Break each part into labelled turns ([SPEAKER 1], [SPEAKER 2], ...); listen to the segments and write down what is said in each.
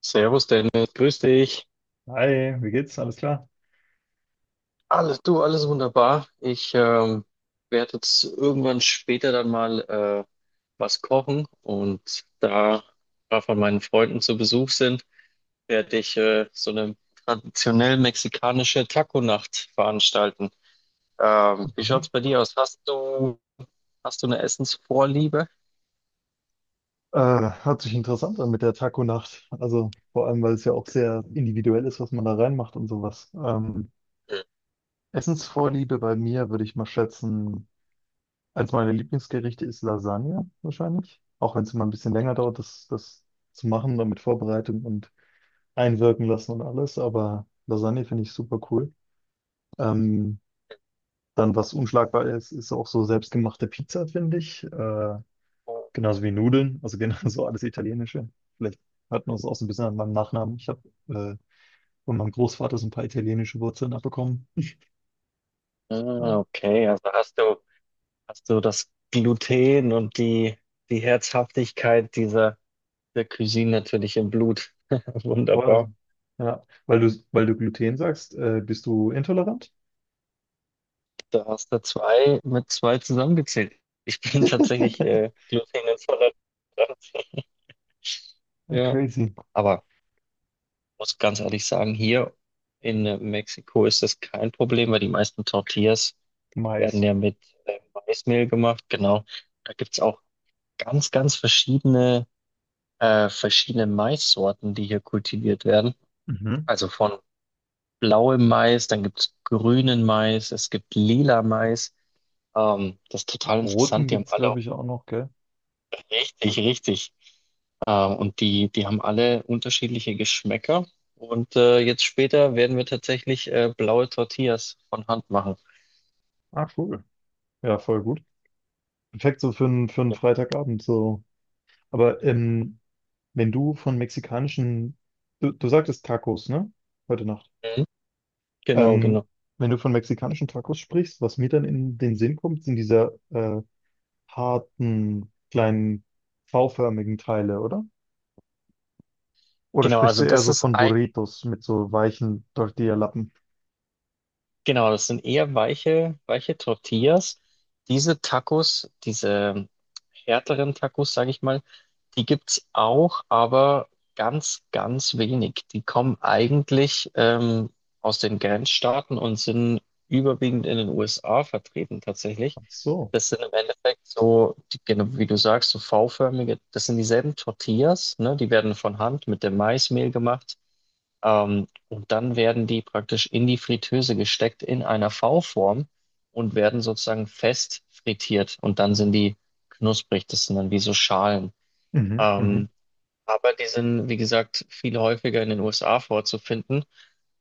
[SPEAKER 1] Servus Dennis, grüß dich.
[SPEAKER 2] Hi, wie geht's? Alles klar?
[SPEAKER 1] Alles, du, alles wunderbar. Ich werde jetzt irgendwann später dann mal was kochen, und da ein paar von meinen Freunden zu Besuch sind, werde ich so eine traditionell mexikanische Taco-Nacht veranstalten. Wie
[SPEAKER 2] Mhm.
[SPEAKER 1] schaut's bei dir aus? Hast du eine Essensvorliebe?
[SPEAKER 2] Äh, Hört sich interessant an mit der Taco-Nacht. Also vor allem, weil es ja auch sehr individuell ist, was man da reinmacht und sowas.
[SPEAKER 1] Mhm.
[SPEAKER 2] Essensvorliebe bei mir würde ich mal schätzen, eins meiner Lieblingsgerichte ist Lasagne wahrscheinlich. Auch wenn es immer ein bisschen länger dauert, das zu machen und mit Vorbereitung und einwirken lassen und alles. Aber Lasagne finde ich super cool. Ähm, Dann, was unschlagbar ist, ist auch so selbstgemachte Pizza, finde ich. Genauso wie Nudeln, also genauso alles Italienische. Vielleicht hört man es auch so ein bisschen an meinem Nachnamen. Ich habe äh, von meinem Großvater so ein paar italienische Wurzeln abbekommen. Ja,
[SPEAKER 1] Ah, okay, hast du das Gluten und die Herzhaftigkeit dieser der Cuisine natürlich im Blut.
[SPEAKER 2] voll.
[SPEAKER 1] Wunderbar.
[SPEAKER 2] Ja, weil du Gluten sagst, bist du intolerant?
[SPEAKER 1] Da hast du zwei mit zwei zusammengezählt. Ich bin tatsächlich glutenintolerant.
[SPEAKER 2] Ja,
[SPEAKER 1] Ja,
[SPEAKER 2] crazy.
[SPEAKER 1] aber muss ganz ehrlich sagen, hier in Mexiko ist das kein Problem, weil die meisten Tortillas werden
[SPEAKER 2] Mais.
[SPEAKER 1] ja mit Maismehl gemacht Genau. Da gibt's auch ganz, ganz verschiedene, verschiedene Maissorten, die hier kultiviert werden.
[SPEAKER 2] Mhm.
[SPEAKER 1] Also von blauem Mais, dann gibt es grünen Mais, es gibt lila Mais. Das ist total
[SPEAKER 2] Roten
[SPEAKER 1] interessant. Die haben
[SPEAKER 2] gibt's,
[SPEAKER 1] alle
[SPEAKER 2] glaube
[SPEAKER 1] auch
[SPEAKER 2] ich, auch noch, gell?
[SPEAKER 1] richtig, richtig. Und die haben alle unterschiedliche Geschmäcker. Und jetzt später werden wir tatsächlich blaue Tortillas von Hand machen.
[SPEAKER 2] Ah, cool. Ja, voll gut. Perfekt so für einen Freitagabend so. Aber wenn du von mexikanischen, du sagtest Tacos, ne? Heute Nacht.
[SPEAKER 1] Mhm. Genau,
[SPEAKER 2] Ähm,
[SPEAKER 1] genau.
[SPEAKER 2] Wenn du von mexikanischen Tacos sprichst, was mir dann in den Sinn kommt, sind diese harten, kleinen, V-förmigen Teile, oder? Oder
[SPEAKER 1] Genau,
[SPEAKER 2] sprichst du
[SPEAKER 1] also
[SPEAKER 2] eher
[SPEAKER 1] das
[SPEAKER 2] so
[SPEAKER 1] ist
[SPEAKER 2] von
[SPEAKER 1] ein,
[SPEAKER 2] Burritos mit so weichen Tortilla-Lappen?
[SPEAKER 1] Genau, das sind eher weiche, weiche Tortillas. Diese Tacos, diese härteren Tacos, sage ich mal, die gibt's auch, aber ganz, ganz wenig. Die kommen eigentlich aus den Grenzstaaten und sind überwiegend in den USA vertreten tatsächlich.
[SPEAKER 2] Ach so.
[SPEAKER 1] Das sind im Endeffekt so, genau wie du sagst, so V-förmige, das sind dieselben Tortillas, ne? Die werden von Hand mit dem Maismehl gemacht. Und dann werden die praktisch in die Fritteuse gesteckt, in einer V-Form, und werden sozusagen fest frittiert. Und dann sind die knusprig, das sind dann wie so Schalen.
[SPEAKER 2] Mhm, mhm.
[SPEAKER 1] Ähm, aber die sind, wie gesagt, viel häufiger in den USA vorzufinden.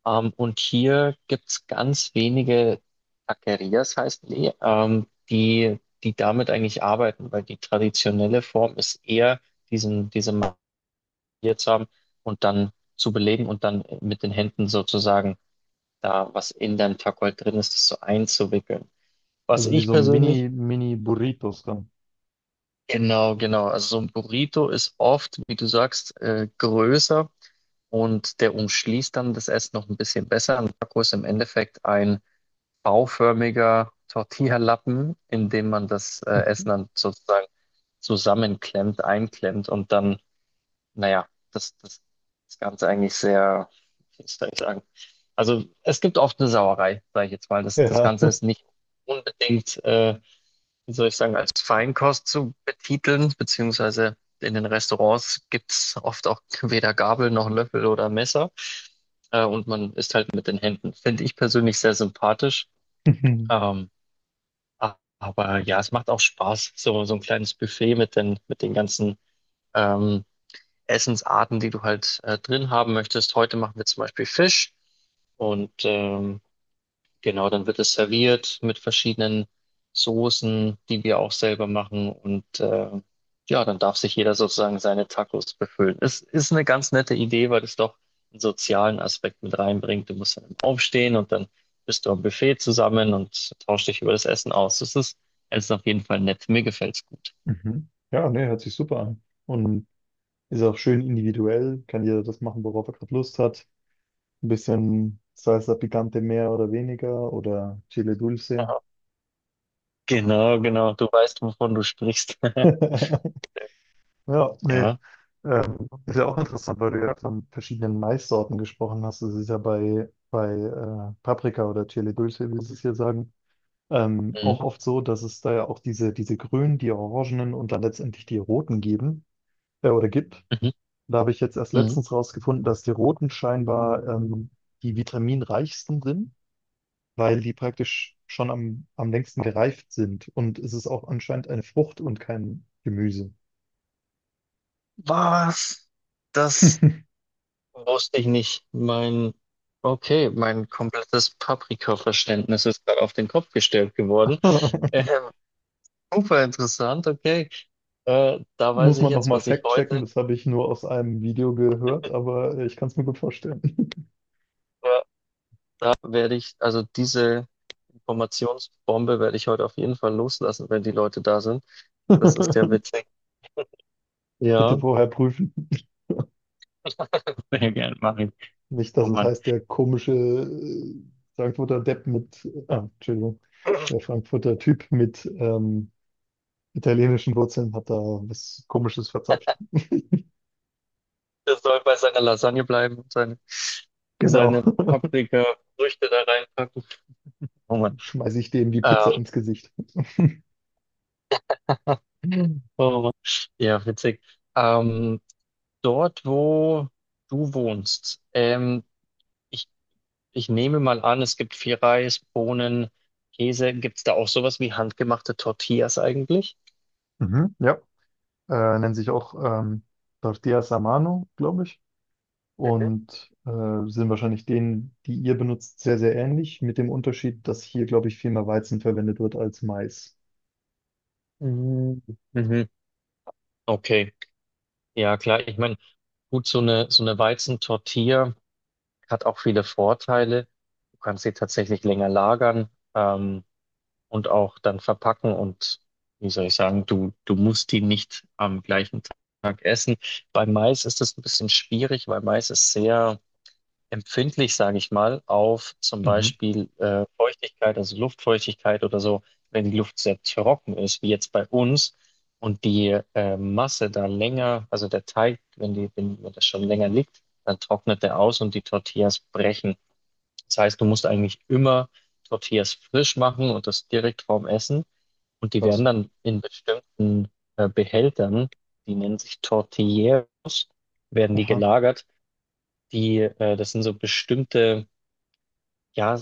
[SPEAKER 1] Und hier gibt's ganz wenige Taquerias, heißen die, die damit eigentlich arbeiten, weil die traditionelle Form ist eher, diese Marie zu haben und dann zu belegen und dann mit den Händen sozusagen, da was in deinem Tacos drin ist, das so einzuwickeln. Was
[SPEAKER 2] Also wie
[SPEAKER 1] ich
[SPEAKER 2] so
[SPEAKER 1] persönlich,
[SPEAKER 2] Mini Burritos dann.
[SPEAKER 1] genau, genau, also so ein Burrito ist oft, wie du sagst, größer, und der umschließt dann das Essen noch ein bisschen besser. Ein Taco ist im Endeffekt ein bauförmiger Tortilla-Lappen, in dem man das Essen dann sozusagen zusammenklemmt, einklemmt, und dann naja, das Ganze eigentlich sehr, wie soll ich sagen, also es gibt oft eine Sauerei, sage ich jetzt mal. Das, das
[SPEAKER 2] Ja.
[SPEAKER 1] Ganze ist nicht unbedingt, wie soll ich sagen, als Feinkost zu betiteln, beziehungsweise in den Restaurants gibt's oft auch weder Gabel noch Löffel oder Messer. Und man isst halt mit den Händen. Finde ich persönlich sehr sympathisch. Ähm, aber ja, es macht auch Spaß, so, so ein kleines Buffet mit mit den ganzen ähm, Essensarten, die du halt drin haben möchtest. Heute machen wir zum Beispiel Fisch, und genau, dann wird es serviert mit verschiedenen Soßen, die wir auch selber machen, und ja, dann darf sich jeder sozusagen seine Tacos befüllen. Es ist eine ganz nette Idee, weil es doch einen sozialen Aspekt mit reinbringt. Du musst dann aufstehen, und dann bist du am Buffet zusammen und tauschst dich über das Essen aus. Es ist auf jeden Fall nett. Mir gefällt's gut.
[SPEAKER 2] Mhm. Ja, nee, hört sich super an. Und ist auch schön individuell, kann jeder das machen, worauf er gerade Lust hat. Ein bisschen Salsa Picante mehr oder weniger oder Chile Dulce.
[SPEAKER 1] Genau, genau. Du weißt, wovon du sprichst.
[SPEAKER 2] Ja, nee.
[SPEAKER 1] Ja.
[SPEAKER 2] Ist ja auch interessant, weil du ja von verschiedenen Maissorten gesprochen hast. Das ist ja bei Paprika oder Chile Dulce, wie sie es hier sagen,
[SPEAKER 1] Mhm.
[SPEAKER 2] auch oft so, dass es da ja auch diese grünen, die orangenen und dann letztendlich die roten geben oder gibt.
[SPEAKER 1] Mhm.
[SPEAKER 2] Da habe ich jetzt erst
[SPEAKER 1] Mhm.
[SPEAKER 2] letztens rausgefunden, dass die roten scheinbar die vitaminreichsten sind, weil die praktisch schon am längsten gereift sind. Und es ist auch anscheinend eine Frucht und kein Gemüse.
[SPEAKER 1] Was? Das wusste ich nicht. Okay, mein komplettes Paprika-Verständnis ist gerade auf den Kopf gestellt geworden. Äh, super interessant, okay. Da weiß
[SPEAKER 2] Muss
[SPEAKER 1] ich
[SPEAKER 2] man
[SPEAKER 1] jetzt,
[SPEAKER 2] nochmal
[SPEAKER 1] was ich
[SPEAKER 2] fact-checken,
[SPEAKER 1] heute
[SPEAKER 2] das habe ich nur aus einem Video gehört, aber ich kann es mir gut vorstellen.
[SPEAKER 1] äh, werde ich, also diese Informationsbombe werde ich heute auf jeden Fall loslassen, wenn die Leute da sind. Das ist ja
[SPEAKER 2] Bitte
[SPEAKER 1] witzig. Ja,
[SPEAKER 2] vorher prüfen.
[SPEAKER 1] sehr gerne, mach ich.
[SPEAKER 2] Nicht, dass
[SPEAKER 1] Oh
[SPEAKER 2] es
[SPEAKER 1] Mann.
[SPEAKER 2] heißt, der komische Frankfurter Depp mit, ah, Entschuldigung, der Frankfurter Typ mit italienischen Wurzeln hat da was Komisches verzapft.
[SPEAKER 1] Der soll bei seiner Lasagne bleiben und
[SPEAKER 2] Genau.
[SPEAKER 1] seine Paprika-Früchte da reinpacken. Oh Mann.
[SPEAKER 2] Schmeiße ich dem die Pizza
[SPEAKER 1] Ähm,
[SPEAKER 2] ins Gesicht.
[SPEAKER 1] oh Mann. Ja, witzig. Ähm, dort, wo du wohnst, ich, ich nehme mal an, es gibt viel Reis, Bohnen, Käse. Gibt es da auch sowas wie handgemachte Tortillas eigentlich?
[SPEAKER 2] Mhm, ja. Nennen sich auch ähm, Tortillas a mano, glaube ich.
[SPEAKER 1] Mhm.
[SPEAKER 2] Und sind wahrscheinlich denen, die ihr benutzt, sehr, sehr ähnlich, mit dem Unterschied, dass hier, glaube ich, viel mehr Weizen verwendet wird als Mais.
[SPEAKER 1] Mhm. Mhm. Okay, ja klar. Ich meine, gut, so eine Weizentortilla. Hat auch viele Vorteile. Du kannst sie tatsächlich länger lagern, und auch dann verpacken, und wie soll ich sagen, du musst die nicht am gleichen Tag essen. Bei Mais ist es ein bisschen schwierig, weil Mais ist sehr empfindlich, sage ich mal, auf zum
[SPEAKER 2] Mhm.
[SPEAKER 1] Beispiel Feuchtigkeit, also Luftfeuchtigkeit oder so, wenn die Luft sehr trocken ist, wie jetzt bei uns. Und die Masse da länger, also der Teig, wenn wenn das schon länger liegt, dann trocknet der aus und die Tortillas brechen. Das heißt, du musst eigentlich immer Tortillas frisch machen, und das direkt vorm Essen. Und die werden
[SPEAKER 2] Das,
[SPEAKER 1] dann in bestimmten Behältern, die nennen sich Tortilleros, werden die
[SPEAKER 2] aha.
[SPEAKER 1] gelagert. Die, das sind so bestimmte, ja,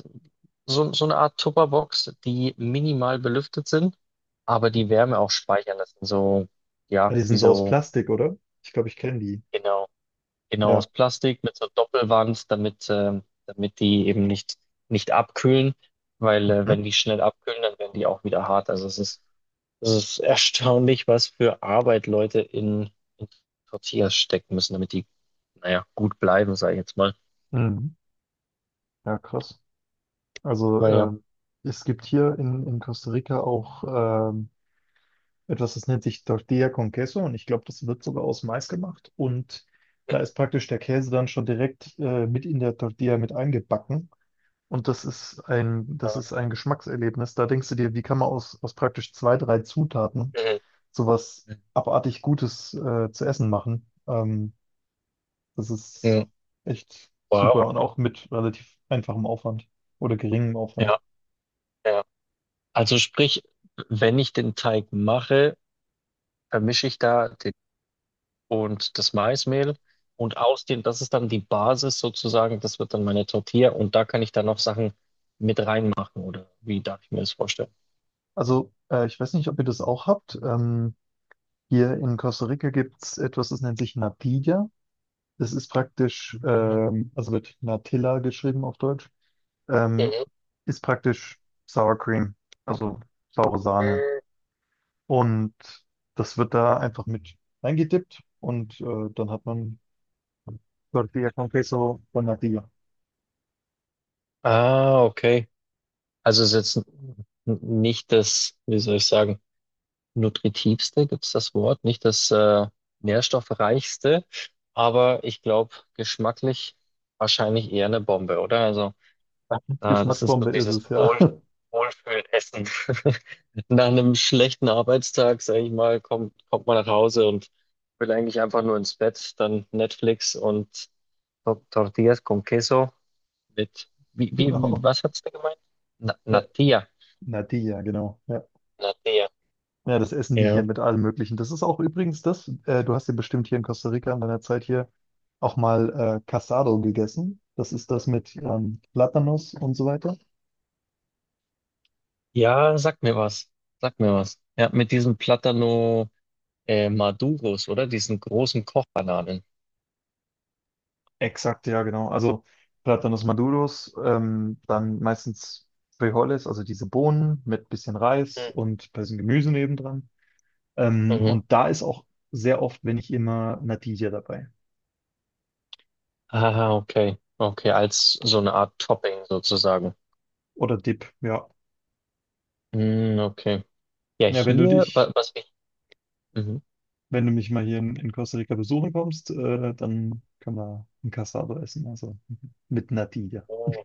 [SPEAKER 1] so, so eine Art Tupperbox, die minimal belüftet sind, aber die Wärme auch speichern. Das sind so,
[SPEAKER 2] Ah,
[SPEAKER 1] ja,
[SPEAKER 2] die
[SPEAKER 1] wie
[SPEAKER 2] sind so aus
[SPEAKER 1] so,
[SPEAKER 2] Plastik, oder? Ich glaube, ich kenne die.
[SPEAKER 1] genau. Genau, aus
[SPEAKER 2] Ja.
[SPEAKER 1] Plastik mit so einer Doppelwand, damit, damit die eben nicht, nicht abkühlen, weil wenn
[SPEAKER 2] Mhm.
[SPEAKER 1] die schnell abkühlen, dann werden die auch wieder hart. Es ist erstaunlich, was für Arbeit Leute in Tortillas stecken müssen, damit die, naja, gut bleiben, sage ich jetzt mal.
[SPEAKER 2] Mhm. Ja, krass. Also
[SPEAKER 1] Aber ja.
[SPEAKER 2] es gibt hier in Costa Rica auch ähm, etwas, das nennt sich Tortilla con Queso und ich glaube, das wird sogar aus Mais gemacht und da
[SPEAKER 1] Mhm.
[SPEAKER 2] ist praktisch der Käse dann schon direkt mit in der Tortilla mit eingebacken und das ist ein Geschmackserlebnis. Da denkst du dir, wie kann man aus praktisch zwei, drei Zutaten
[SPEAKER 1] Mhm.
[SPEAKER 2] sowas abartig Gutes zu essen machen? Das ist
[SPEAKER 1] Mhm.
[SPEAKER 2] echt
[SPEAKER 1] Wow.
[SPEAKER 2] super und auch mit relativ einfachem Aufwand oder geringem Aufwand.
[SPEAKER 1] Ja, ja. Also sprich, wenn ich den Teig mache, vermische ich da den und das Maismehl, und aus dem, das ist dann die Basis sozusagen, das wird dann meine Tortilla, und da kann ich dann noch Sachen mit reinmachen, oder wie darf ich mir das vorstellen?
[SPEAKER 2] Also, ich weiß nicht, ob ihr das auch habt. Hier in Costa Rica gibt es etwas, das nennt sich Natilla. Das ist praktisch, also wird Natilla geschrieben auf Deutsch, ähm,
[SPEAKER 1] Mhm.
[SPEAKER 2] ist praktisch Sour Cream, also saure Sahne.
[SPEAKER 1] Mhm.
[SPEAKER 2] Und das wird da einfach mit reingedippt und dann hat man Tortilla con Queso von Natilla.
[SPEAKER 1] Ah, okay. Also es ist jetzt nicht das, wie soll ich sagen, nutritivste, gibt es das Wort, nicht das nährstoffreichste, aber ich glaube, geschmacklich wahrscheinlich eher eine Bombe, oder? Also ah, das ist so
[SPEAKER 2] Geschmacksbombe ist
[SPEAKER 1] dieses
[SPEAKER 2] es, ja.
[SPEAKER 1] Wohl, Wohlfühlessen. Nach einem schlechten Arbeitstag, sage ich mal, kommt man nach Hause und will eigentlich einfach nur ins Bett, dann Netflix und Tortillas con Queso mit, wie,
[SPEAKER 2] Genau.
[SPEAKER 1] was hat's da gemeint? Na,
[SPEAKER 2] Äh,
[SPEAKER 1] Natilla.
[SPEAKER 2] Natilla, genau. Ja.
[SPEAKER 1] Natilla.
[SPEAKER 2] Ja, das essen die hier
[SPEAKER 1] Ja.
[SPEAKER 2] mit allem Möglichen. Das ist auch übrigens das, du hast ja bestimmt hier in Costa Rica in deiner Zeit hier auch mal Casado gegessen. Das ist das mit Platanos und so weiter.
[SPEAKER 1] Ja, sag mir was. Sag mir was. Ja, mit diesen Plátano Maduros, oder? Diesen großen Kochbananen.
[SPEAKER 2] Exakt, ja, genau. Also Platanos Maduros, dann meistens Frijoles, also diese Bohnen mit bisschen Reis
[SPEAKER 1] Mhm.
[SPEAKER 2] und ein bisschen Gemüse nebendran.
[SPEAKER 1] Mhm.
[SPEAKER 2] Und da ist auch sehr oft, wenn ich immer Natilla dabei.
[SPEAKER 1] Ah, okay. Okay, als so eine Art Topping sozusagen.
[SPEAKER 2] Oder Dip, ja.
[SPEAKER 1] Mm, okay. Ja,
[SPEAKER 2] Ja, wenn du
[SPEAKER 1] hier,
[SPEAKER 2] dich,
[SPEAKER 1] wa- was ich. Mhm.
[SPEAKER 2] wenn du mich mal hier in Costa Rica besuchen kommst, dann können wir ein Cassado essen, also mit Natilla.
[SPEAKER 1] Oh,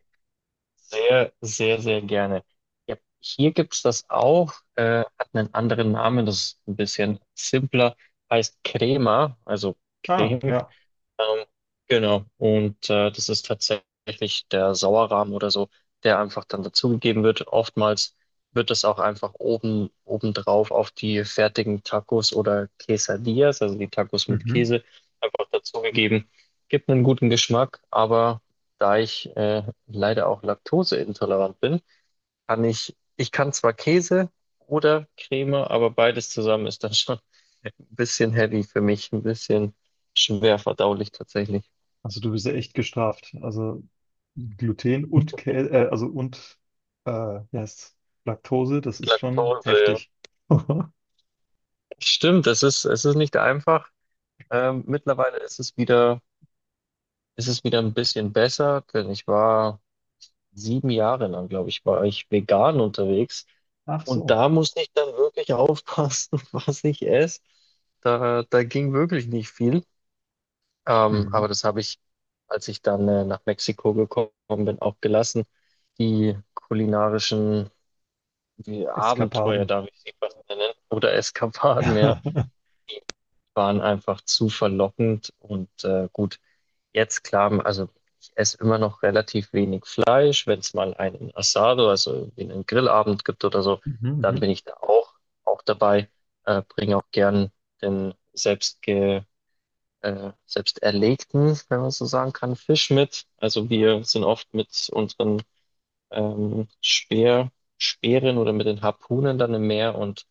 [SPEAKER 1] sehr, sehr, sehr gerne. Ja, hier gibt's das auch, hat einen anderen Namen, das ist ein bisschen simpler, heißt Crema, also
[SPEAKER 2] Ah,
[SPEAKER 1] Creme.
[SPEAKER 2] ja.
[SPEAKER 1] Ähm, genau. Und das ist tatsächlich der Sauerrahm oder so, der einfach dann dazugegeben wird. Oftmals wird das auch einfach oben obendrauf auf die fertigen Tacos oder Quesadillas, also die Tacos mit
[SPEAKER 2] Mhm.
[SPEAKER 1] Käse, einfach dazugegeben. Gibt einen guten Geschmack, aber da ich leider auch laktoseintolerant bin, ich kann zwar Käse oder Creme, aber beides zusammen ist dann schon ein bisschen heavy für mich, ein bisschen schwer verdaulich tatsächlich.
[SPEAKER 2] Also du bist ja echt gestraft. Also Gluten und Käse, also und äh, wie heißt's? Laktose, das ist schon
[SPEAKER 1] Laktose.
[SPEAKER 2] heftig.
[SPEAKER 1] Stimmt, es ist nicht einfach. Mittlerweile ist es wieder ein bisschen besser, denn ich war sieben Jahre lang, glaube ich, war ich vegan unterwegs.
[SPEAKER 2] Ach
[SPEAKER 1] Und
[SPEAKER 2] so.
[SPEAKER 1] da musste ich dann wirklich aufpassen, was ich esse. Da ging wirklich nicht viel. Ähm,
[SPEAKER 2] Mhm.
[SPEAKER 1] aber das habe ich, als ich dann nach Mexiko gekommen bin, auch gelassen. Die kulinarischen, die Abenteuer,
[SPEAKER 2] Eskapaden.
[SPEAKER 1] darf ich sie fast nennen, oder Eskapaden, ja, waren einfach zu verlockend. Und gut, jetzt klar, also ich esse immer noch relativ wenig Fleisch. Wenn es mal einen Asado, also irgendwie einen Grillabend gibt oder so,
[SPEAKER 2] Mhm,
[SPEAKER 1] dann
[SPEAKER 2] mhm.
[SPEAKER 1] bin ich da auch dabei, bringe auch gern den selbstge, selbst erlegten, wenn man so sagen kann, Fisch mit. Also wir sind oft mit unseren ähm, Speer, Speeren oder mit den Harpunen dann im Meer und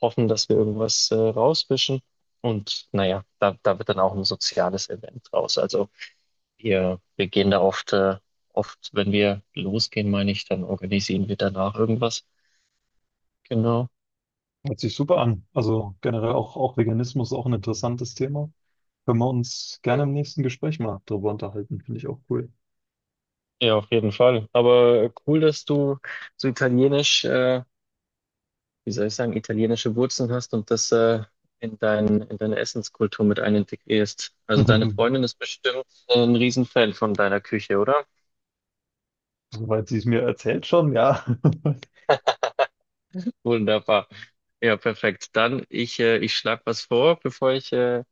[SPEAKER 1] hoffen, dass wir irgendwas rauswischen. Und naja, da wird dann auch ein soziales Event raus. Also wir gehen da oft, wenn wir losgehen, meine ich, dann organisieren wir danach irgendwas. Genau.
[SPEAKER 2] Hört sich super an. Also generell auch, auch Veganismus, auch ein interessantes Thema. Können wir uns gerne
[SPEAKER 1] Mhm.
[SPEAKER 2] im nächsten Gespräch mal drüber unterhalten, finde ich auch cool.
[SPEAKER 1] Ja, auf jeden Fall. Aber cool, dass du so italienisch, wie soll ich sagen, italienische Wurzeln hast und das in in deine Essenskultur mit einintegrierst. Also deine Freundin ist bestimmt ein Riesenfan von deiner Küche, oder?
[SPEAKER 2] Soweit sie es mir erzählt schon, ja.
[SPEAKER 1] Wunderbar. Ja, perfekt. Ich schlage was vor, bevor ich,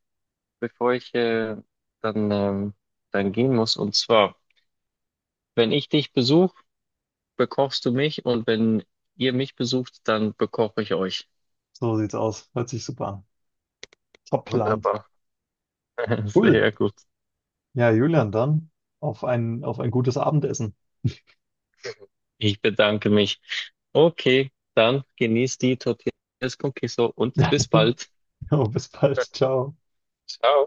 [SPEAKER 1] bevor ich äh, dann, ähm, dann gehen muss. Und zwar, wenn ich dich besuche, bekochst du mich, und wenn ihr mich besucht, dann bekoche ich euch.
[SPEAKER 2] So sieht's aus. Hört sich super an. Top Plan.
[SPEAKER 1] Wunderbar.
[SPEAKER 2] Cool.
[SPEAKER 1] Sehr gut.
[SPEAKER 2] Ja, Julian, dann auf ein gutes Abendessen.
[SPEAKER 1] Ich bedanke mich. Okay, dann genießt die Tortillas con Queso und bis bald.
[SPEAKER 2] Jo, bis bald. Ciao.
[SPEAKER 1] Ciao.